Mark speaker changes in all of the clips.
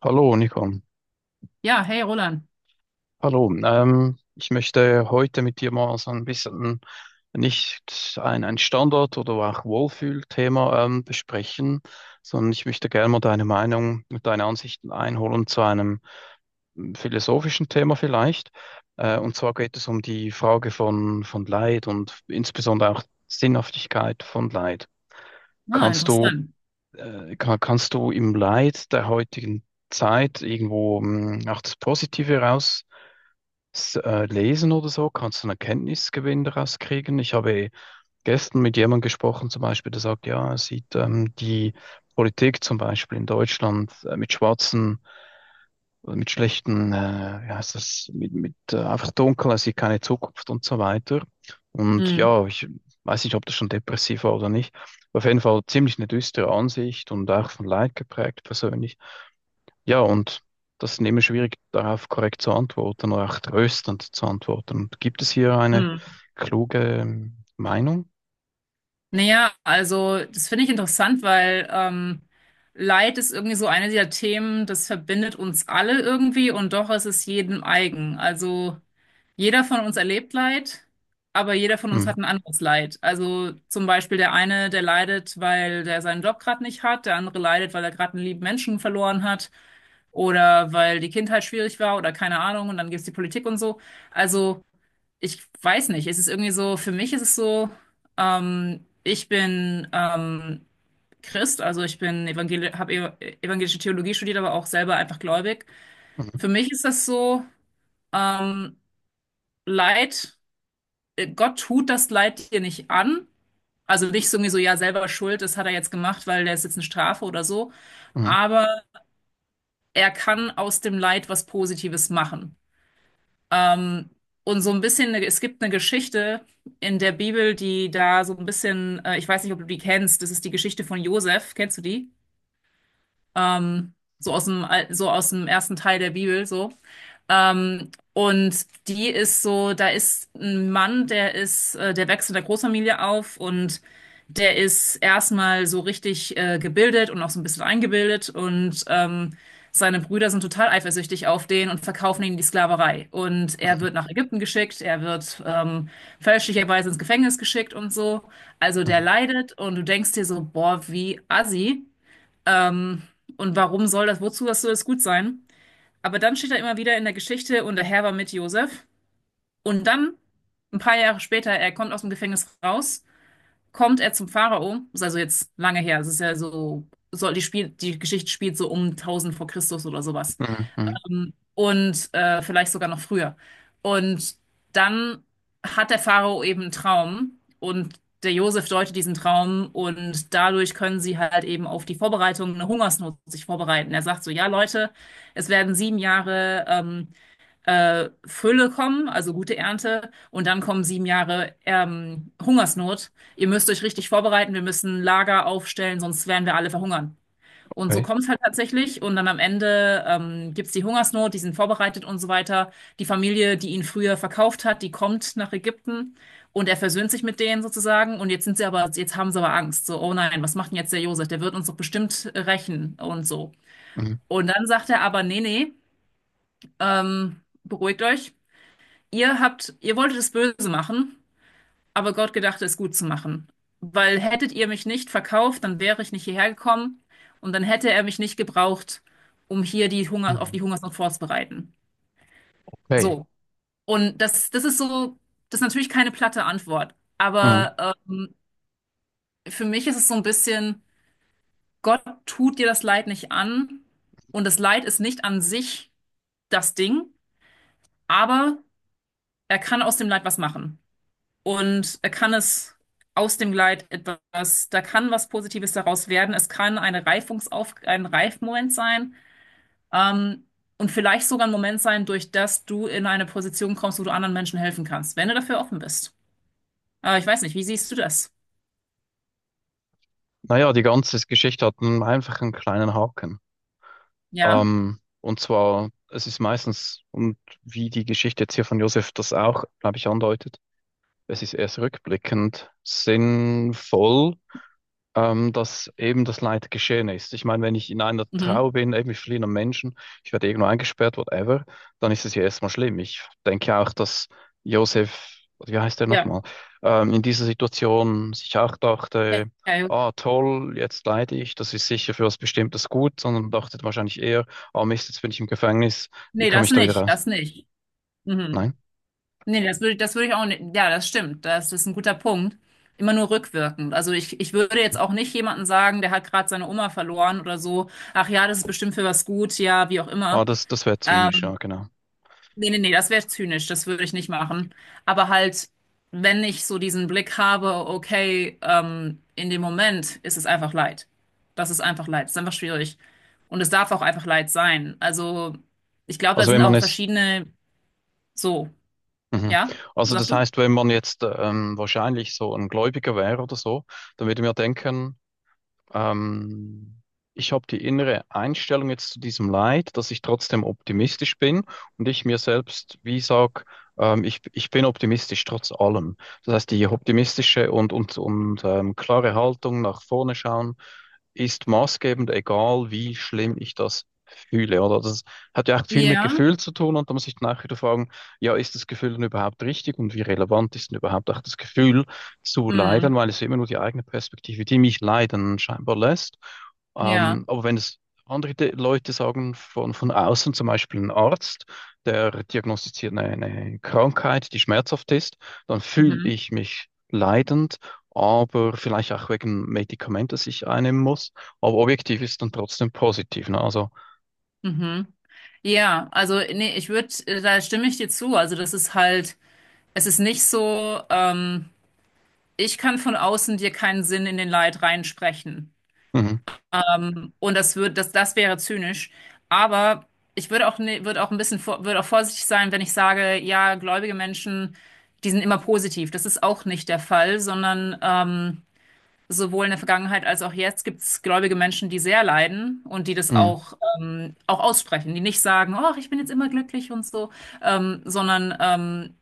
Speaker 1: Hallo, Nico.
Speaker 2: Ja, hey Roland.
Speaker 1: Hallo. Ich möchte heute mit dir mal so ein bisschen nicht ein Standard- oder auch Wohlfühlthema besprechen, sondern ich möchte gerne mal deine Meinung und deine Ansichten einholen zu einem philosophischen Thema vielleicht. Und zwar geht es um die Frage von Leid und insbesondere auch Sinnhaftigkeit von Leid.
Speaker 2: Ah,
Speaker 1: Kannst du,
Speaker 2: interessant.
Speaker 1: Kannst du im Leid der heutigen Zeit irgendwo auch das Positive raus Lesen oder so, kannst du einen Erkenntnisgewinn daraus kriegen? Ich habe gestern mit jemandem gesprochen, zum Beispiel, der sagt, ja, er sieht die Politik zum Beispiel in Deutschland mit schwarzen, oder mit schlechten, wie heißt das, mit einfach dunkel, er sieht keine Zukunft und so weiter. Und
Speaker 2: Hm.
Speaker 1: ja, ich weiß nicht, ob das schon depressiv war oder nicht. Auf jeden Fall ziemlich eine düstere Ansicht und auch von Leid geprägt persönlich. Ja, und das ist immer schwierig, darauf korrekt zu antworten oder auch tröstend zu antworten. Und gibt es hier eine
Speaker 2: Hm.
Speaker 1: kluge Meinung?
Speaker 2: Naja, also das finde ich interessant, weil Leid ist irgendwie so eine dieser Themen, das verbindet uns alle irgendwie und doch ist es jedem eigen. Also jeder von uns erlebt Leid, aber jeder von uns hat
Speaker 1: Mhm.
Speaker 2: ein anderes Leid. Also zum Beispiel der eine, der leidet, weil der seinen Job gerade nicht hat, der andere leidet, weil er gerade einen lieben Menschen verloren hat oder weil die Kindheit schwierig war oder keine Ahnung und dann gibt es die Politik und so. Also ich weiß nicht, es ist irgendwie so, für mich ist es so, ich bin Christ, also ich bin evangel habe ev evangelische Theologie studiert, aber auch selber einfach gläubig.
Speaker 1: Mhm.
Speaker 2: Für mich ist das so, ähm, Leid, Gott tut das Leid dir nicht an. Also nicht so irgendwie so, ja, selber schuld, das hat er jetzt gemacht, weil der ist jetzt eine Strafe oder so.
Speaker 1: Mhm.
Speaker 2: Aber er kann aus dem Leid was Positives machen. Ähm, und so ein bisschen, es gibt eine Geschichte in der Bibel, die da so ein bisschen, ich weiß nicht, ob du die kennst, das ist die Geschichte von Josef, kennst du die? So so aus dem ersten Teil der Bibel, so. Und die ist so, da ist ein Mann, der wächst in der Großfamilie auf und der ist erstmal so richtig gebildet und auch so ein bisschen eingebildet und seine Brüder sind total eifersüchtig auf den und verkaufen ihn in die Sklaverei. Und er wird nach Ägypten geschickt, er wird fälschlicherweise ins Gefängnis geschickt und so. Also der
Speaker 1: Mhm.
Speaker 2: leidet und du denkst dir so, boah, wie assi. Ähm, und wozu das soll das gut sein? Aber dann steht er immer wieder in der Geschichte und der Herr war mit Josef. Und dann, ein paar Jahre später, er kommt aus dem Gefängnis raus, kommt er zum Pharao. Das ist also jetzt lange her. Es ist ja so, die Geschichte spielt so um 1000 vor Christus oder sowas.
Speaker 1: Mhm. Mhm.
Speaker 2: Und vielleicht sogar noch früher. Und dann hat der Pharao eben einen Traum und der Josef deutet diesen Traum und dadurch können sie halt eben eine Hungersnot sich vorbereiten. Er sagt so, ja Leute, es werden 7 Jahre Fülle kommen, also gute Ernte, und dann kommen 7 Jahre Hungersnot. Ihr müsst euch richtig vorbereiten, wir müssen Lager aufstellen, sonst werden wir alle verhungern. Und so
Speaker 1: Okay.
Speaker 2: kommt es halt tatsächlich. Und dann am Ende gibt es die Hungersnot, die sind vorbereitet und so weiter. Die Familie, die ihn früher verkauft hat, die kommt nach Ägypten und er versöhnt sich mit denen sozusagen. Und jetzt haben sie aber Angst. So, oh nein, was macht denn jetzt der Josef? Der wird uns doch bestimmt rächen und so.
Speaker 1: Mhm.
Speaker 2: Und dann sagt er aber, nee, nee, ähm, beruhigt euch. Ihr wolltet es böse machen, aber Gott gedachte es gut zu machen. Weil hättet ihr mich nicht verkauft, dann wäre ich nicht hierher gekommen und dann hätte er mich nicht gebraucht, um hier auf
Speaker 1: Mhm.
Speaker 2: die Hungersnot vorzubereiten.
Speaker 1: Okay.
Speaker 2: So. Und das, das ist natürlich keine platte Antwort.
Speaker 1: Mhm.
Speaker 2: Aber für mich ist es so ein bisschen, Gott tut dir das Leid nicht an und das Leid ist nicht an sich das Ding, aber er kann aus dem Leid was machen. Und er kann es aus dem Leid etwas, da kann was Positives daraus werden. Es kann ein Reifmoment sein, ähm, und vielleicht sogar ein Moment sein, durch das du in eine Position kommst, wo du anderen Menschen helfen kannst, wenn du dafür offen bist. Aber ich weiß nicht, wie siehst du das?
Speaker 1: Naja, die ganze Geschichte hat einen einfachen kleinen Haken.
Speaker 2: Ja.
Speaker 1: Und zwar, es ist meistens, und wie die Geschichte jetzt hier von Josef das auch, glaube ich, andeutet, es ist erst rückblickend sinnvoll, dass eben das Leid geschehen ist. Ich meine, wenn ich in einer
Speaker 2: Mhm.
Speaker 1: Trauer bin, eben mit verschiedenen Menschen, ich werde irgendwo eingesperrt, whatever, dann ist es ja erstmal schlimm. Ich denke ja auch, dass Josef, wie heißt der
Speaker 2: Ja.
Speaker 1: nochmal, in dieser Situation sich auch
Speaker 2: Ja.
Speaker 1: dachte,
Speaker 2: Ja. Ja, ja.
Speaker 1: ah, toll, jetzt leide ich, das ist sicher für was Bestimmtes gut, sondern dachte wahrscheinlich eher, ah, Mist, jetzt bin ich im Gefängnis, wie
Speaker 2: Nee,
Speaker 1: komme
Speaker 2: das
Speaker 1: ich da wieder
Speaker 2: nicht,
Speaker 1: raus?
Speaker 2: das nicht. Mhm.
Speaker 1: Nein?
Speaker 2: Nee, das würde ich auch nicht. Ja, das stimmt. Das ist ein guter Punkt. Immer nur rückwirkend. Also ich würde jetzt auch nicht jemandem sagen, der hat gerade seine Oma verloren oder so. Ach ja, das ist bestimmt für was gut, ja, wie auch
Speaker 1: Ah,
Speaker 2: immer.
Speaker 1: das, das wäre zynisch,
Speaker 2: Ähm,
Speaker 1: ja, genau.
Speaker 2: nee, nee, nee, das wäre zynisch. Das würde ich nicht machen. Aber halt, wenn ich so diesen Blick habe, okay, in dem Moment ist es einfach Leid. Das ist einfach Leid. Das ist einfach schwierig. Und es darf auch einfach Leid sein. Also ich glaube, da
Speaker 1: Also
Speaker 2: sind
Speaker 1: wenn man
Speaker 2: auch
Speaker 1: es,
Speaker 2: verschiedene, so,
Speaker 1: mhm.
Speaker 2: ja,
Speaker 1: Also
Speaker 2: sagst
Speaker 1: das
Speaker 2: du?
Speaker 1: heißt, wenn man jetzt wahrscheinlich so ein Gläubiger wäre oder so, dann würde man ja denken, ähm, ich habe die innere Einstellung jetzt zu diesem Leid, dass ich trotzdem optimistisch bin und ich mir selbst, wie sag, ich bin optimistisch trotz allem. Das heißt, die optimistische und klare Haltung nach vorne schauen ist maßgebend, egal wie schlimm ich das fühle, oder? Das hat ja auch viel mit
Speaker 2: Ja.
Speaker 1: Gefühl zu tun und da muss ich dann auch wieder fragen, ja, ist das Gefühl denn überhaupt richtig und wie relevant ist denn überhaupt auch das Gefühl zu leiden,
Speaker 2: Hm,
Speaker 1: weil es immer nur die eigene Perspektive, die mich leiden, scheinbar lässt.
Speaker 2: ja,
Speaker 1: Aber wenn es andere Leute sagen, von außen, zum Beispiel ein Arzt, der diagnostiziert eine Krankheit, die schmerzhaft ist, dann fühle
Speaker 2: mhm,
Speaker 1: ich mich leidend, aber vielleicht auch wegen Medikament, das ich einnehmen muss. Aber objektiv ist dann trotzdem positiv. Ne? Also,
Speaker 2: mhm. Ja, also nee, da stimme ich dir zu. Also das ist halt, es ist nicht so, ich kann von außen dir keinen Sinn in den Leid reinsprechen.
Speaker 1: mhm,
Speaker 2: Und das wäre zynisch. Aber ich würde auch, ne, würde auch ein bisschen, vor- würde auch vorsichtig sein, wenn ich sage, ja, gläubige Menschen, die sind immer positiv. Das ist auch nicht der Fall, sondern sowohl in der Vergangenheit als auch jetzt gibt es gläubige Menschen, die sehr leiden und die das
Speaker 1: mhm.
Speaker 2: auch aussprechen, die nicht sagen, oh, ich bin jetzt immer glücklich und so, sondern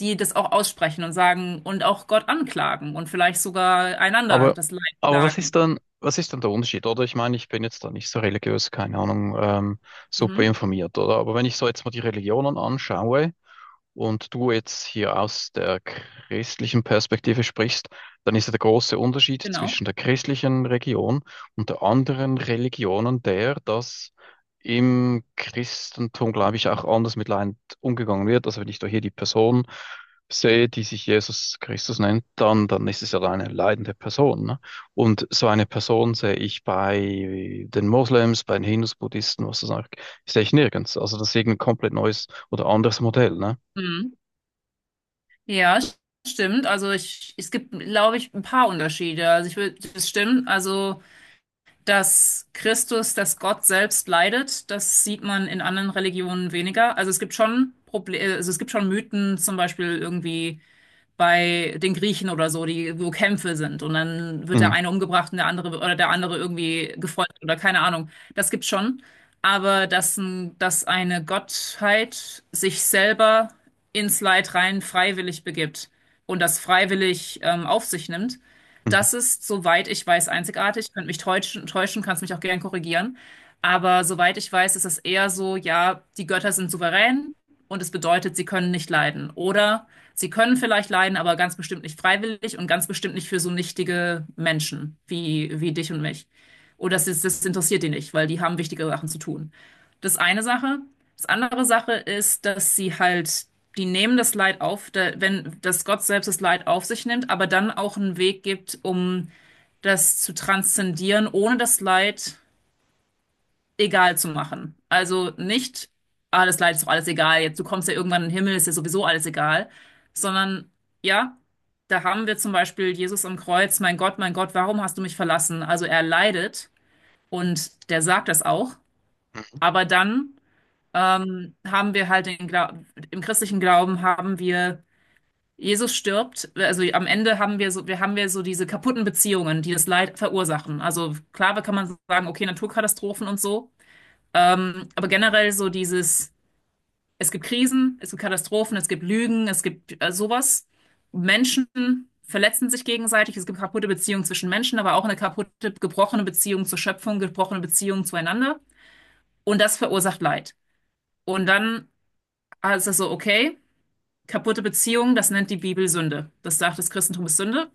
Speaker 2: die das auch aussprechen und sagen und auch Gott anklagen und vielleicht sogar einander
Speaker 1: Aber,
Speaker 2: das Leid
Speaker 1: aber
Speaker 2: klagen.
Speaker 1: was ist dann der Unterschied, oder? Ich meine, ich bin jetzt da nicht so religiös, keine Ahnung, super
Speaker 2: Mhm,
Speaker 1: informiert, oder? Aber wenn ich so jetzt mal die Religionen anschaue, und du jetzt hier aus der christlichen Perspektive sprichst, dann ist ja der große Unterschied
Speaker 2: genau.
Speaker 1: zwischen der christlichen Religion und der anderen Religionen der, dass im Christentum, glaube ich, auch anders mit Leid umgegangen wird. Also wenn ich da hier die Person sehe, die sich Jesus Christus nennt, dann ist es ja eine leidende Person. Ne? Und so eine Person sehe ich bei den Moslems, bei den Hindus, Buddhisten, was das auch, sehe ich nirgends. Also das ist irgendein komplett neues oder anderes Modell. Ne?
Speaker 2: Mhm. Ja, stimmt. Also es gibt, glaube ich, ein paar Unterschiede. Also das stimmt. Also dass Gott selbst leidet, das sieht man in anderen Religionen weniger. Also es gibt schon Mythen, zum Beispiel irgendwie bei den Griechen oder so, wo Kämpfe sind und dann wird der
Speaker 1: Mhm.
Speaker 2: eine umgebracht und der andere oder der andere irgendwie gefoltert oder keine Ahnung. Das gibt's schon. Aber dass eine Gottheit sich selber ins Leid rein freiwillig begibt und das freiwillig auf sich nimmt,
Speaker 1: Mhm.
Speaker 2: das ist, soweit ich weiß, einzigartig. Ich könnte mich täuschen, kannst mich auch gern korrigieren. Aber soweit ich weiß, ist es eher so, ja, die Götter sind souverän und es bedeutet, sie können nicht leiden. Oder sie können vielleicht leiden, aber ganz bestimmt nicht freiwillig und ganz bestimmt nicht für so nichtige Menschen wie, dich und mich. Oder das interessiert die nicht, weil die haben wichtige Sachen zu tun. Das eine Sache. Das andere Sache ist, dass sie halt, die nehmen das Leid auf, da, wenn, dass Gott selbst das Leid auf sich nimmt, aber dann auch einen Weg gibt, um das zu transzendieren, ohne das Leid egal zu machen. Also nicht, ah, das Leid ist doch alles egal, jetzt du kommst ja irgendwann in den Himmel, ist ja sowieso alles egal, sondern ja, da haben wir zum Beispiel Jesus am Kreuz, mein Gott, warum hast du mich verlassen? Also er leidet und der sagt das auch,
Speaker 1: Mhm.
Speaker 2: aber dann haben wir halt den Gla im christlichen Glauben haben wir Jesus stirbt, also am Ende haben wir so diese kaputten Beziehungen, die das Leid verursachen. Also klar, kann man sagen, okay, Naturkatastrophen und so, aber generell so dieses, es gibt Krisen, es gibt Katastrophen, es gibt Lügen, es gibt sowas. Menschen verletzen sich gegenseitig, es gibt kaputte Beziehungen zwischen Menschen, aber auch eine kaputte, gebrochene Beziehung zur Schöpfung, gebrochene Beziehung zueinander. Und das verursacht Leid. Und dann ist es so, okay, kaputte Beziehung, das nennt die Bibel Sünde. Das sagt, das Christentum ist Sünde.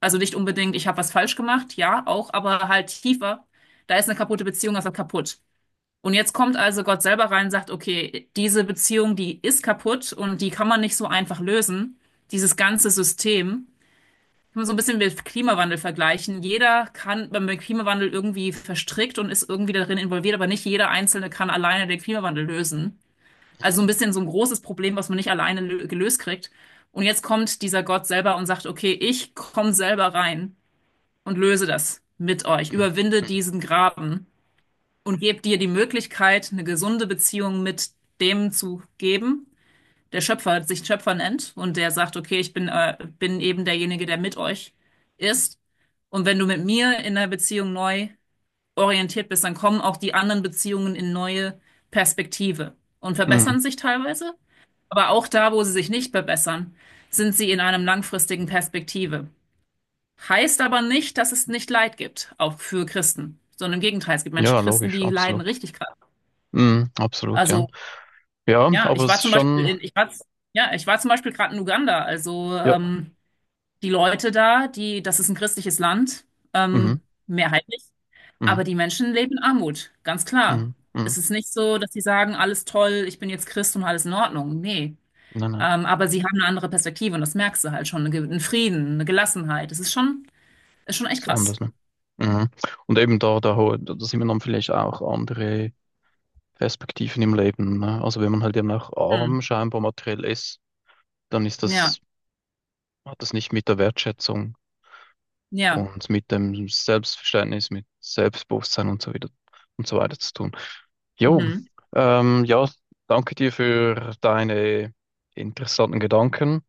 Speaker 2: Also nicht unbedingt, ich habe was falsch gemacht, ja, auch, aber halt tiefer. Da ist eine kaputte Beziehung, also kaputt. Und jetzt kommt also Gott selber rein und sagt, okay, diese Beziehung, die ist kaputt und die kann man nicht so einfach lösen. Dieses ganze System. Kann man so ein bisschen mit Klimawandel vergleichen. Jeder kann beim Klimawandel irgendwie verstrickt und ist irgendwie darin involviert, aber nicht jeder Einzelne kann alleine den Klimawandel lösen. Also so ein bisschen so ein großes Problem, was man nicht alleine gelöst kriegt. Und jetzt kommt dieser Gott selber und sagt, okay, ich komme selber rein und löse das mit euch,
Speaker 1: Mhm.
Speaker 2: überwinde
Speaker 1: Mhm.
Speaker 2: diesen Graben und gebe dir die Möglichkeit, eine gesunde Beziehung mit dem zu geben, der Schöpfer sich Schöpfer nennt und der sagt, okay, ich bin eben derjenige, der mit euch ist. Und wenn du mit mir in der Beziehung neu orientiert bist, dann kommen auch die anderen Beziehungen in neue Perspektive und verbessern
Speaker 1: Mhm.
Speaker 2: sich teilweise. Aber auch da, wo sie sich nicht verbessern, sind sie in einem langfristigen Perspektive. Heißt aber nicht, dass es nicht Leid gibt, auch für Christen, sondern im Gegenteil, es gibt Menschen,
Speaker 1: Ja,
Speaker 2: Christen,
Speaker 1: logisch,
Speaker 2: die leiden
Speaker 1: absolut.
Speaker 2: richtig krass.
Speaker 1: Mhm. Absolut, ja.
Speaker 2: Also,
Speaker 1: Ja,
Speaker 2: ja,
Speaker 1: aber
Speaker 2: ich
Speaker 1: es
Speaker 2: war
Speaker 1: ist
Speaker 2: zum Beispiel
Speaker 1: schon,
Speaker 2: in, ich war, z- ja, ich war zum Beispiel gerade in Uganda. Also,
Speaker 1: ja.
Speaker 2: die Leute da, das ist ein christliches Land,
Speaker 1: Mhm.
Speaker 2: ähm, mehrheitlich,
Speaker 1: Mhm.
Speaker 2: aber die Menschen leben in Armut, ganz klar.
Speaker 1: Mhm. Mhm.
Speaker 2: Es ist nicht so, dass sie sagen, alles toll, ich bin jetzt Christ und alles in Ordnung. Nee.
Speaker 1: Nein, nein,
Speaker 2: Aber sie haben eine andere Perspektive und das merkst du halt schon. Einen Frieden, eine Gelassenheit. Es ist schon echt
Speaker 1: ist
Speaker 2: krass.
Speaker 1: anders, ne? Mhm. Und eben da sieht man dann vielleicht auch andere Perspektiven im Leben, ne? Also wenn man halt eben auch
Speaker 2: Hm.
Speaker 1: arm scheinbar materiell ist, dann ist
Speaker 2: Ja,
Speaker 1: das, hat das nicht mit der Wertschätzung
Speaker 2: ja.
Speaker 1: und mit dem Selbstverständnis, mit Selbstbewusstsein und so wieder und so weiter zu tun. Jo,
Speaker 2: Mhm.
Speaker 1: ja, danke dir für deine interessanten Gedanken.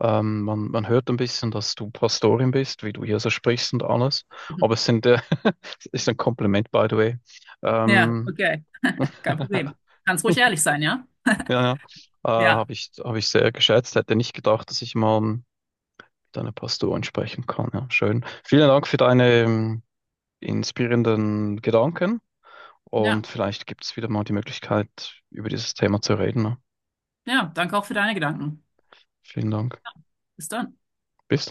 Speaker 1: Man hört ein bisschen, dass du Pastorin bist, wie du hier so sprichst und alles. Aber es
Speaker 2: Mhm.
Speaker 1: sind, es ist ein Kompliment, by the way.
Speaker 2: Ja,
Speaker 1: Ähm,
Speaker 2: okay. Kein
Speaker 1: ja,
Speaker 2: Problem. Kannst ruhig ehrlich sein, ja?
Speaker 1: ja,
Speaker 2: Ja,
Speaker 1: habe ich sehr geschätzt. Hätte nicht gedacht, dass ich mal mit einer Pastorin sprechen kann. Ja, schön. Vielen Dank für deine, inspirierenden Gedanken, und
Speaker 2: ja.
Speaker 1: vielleicht gibt es wieder mal die Möglichkeit, über dieses Thema zu reden. Ne?
Speaker 2: Ja, danke auch für deine Gedanken.
Speaker 1: Vielen Dank.
Speaker 2: Bis dann.
Speaker 1: Bis dann.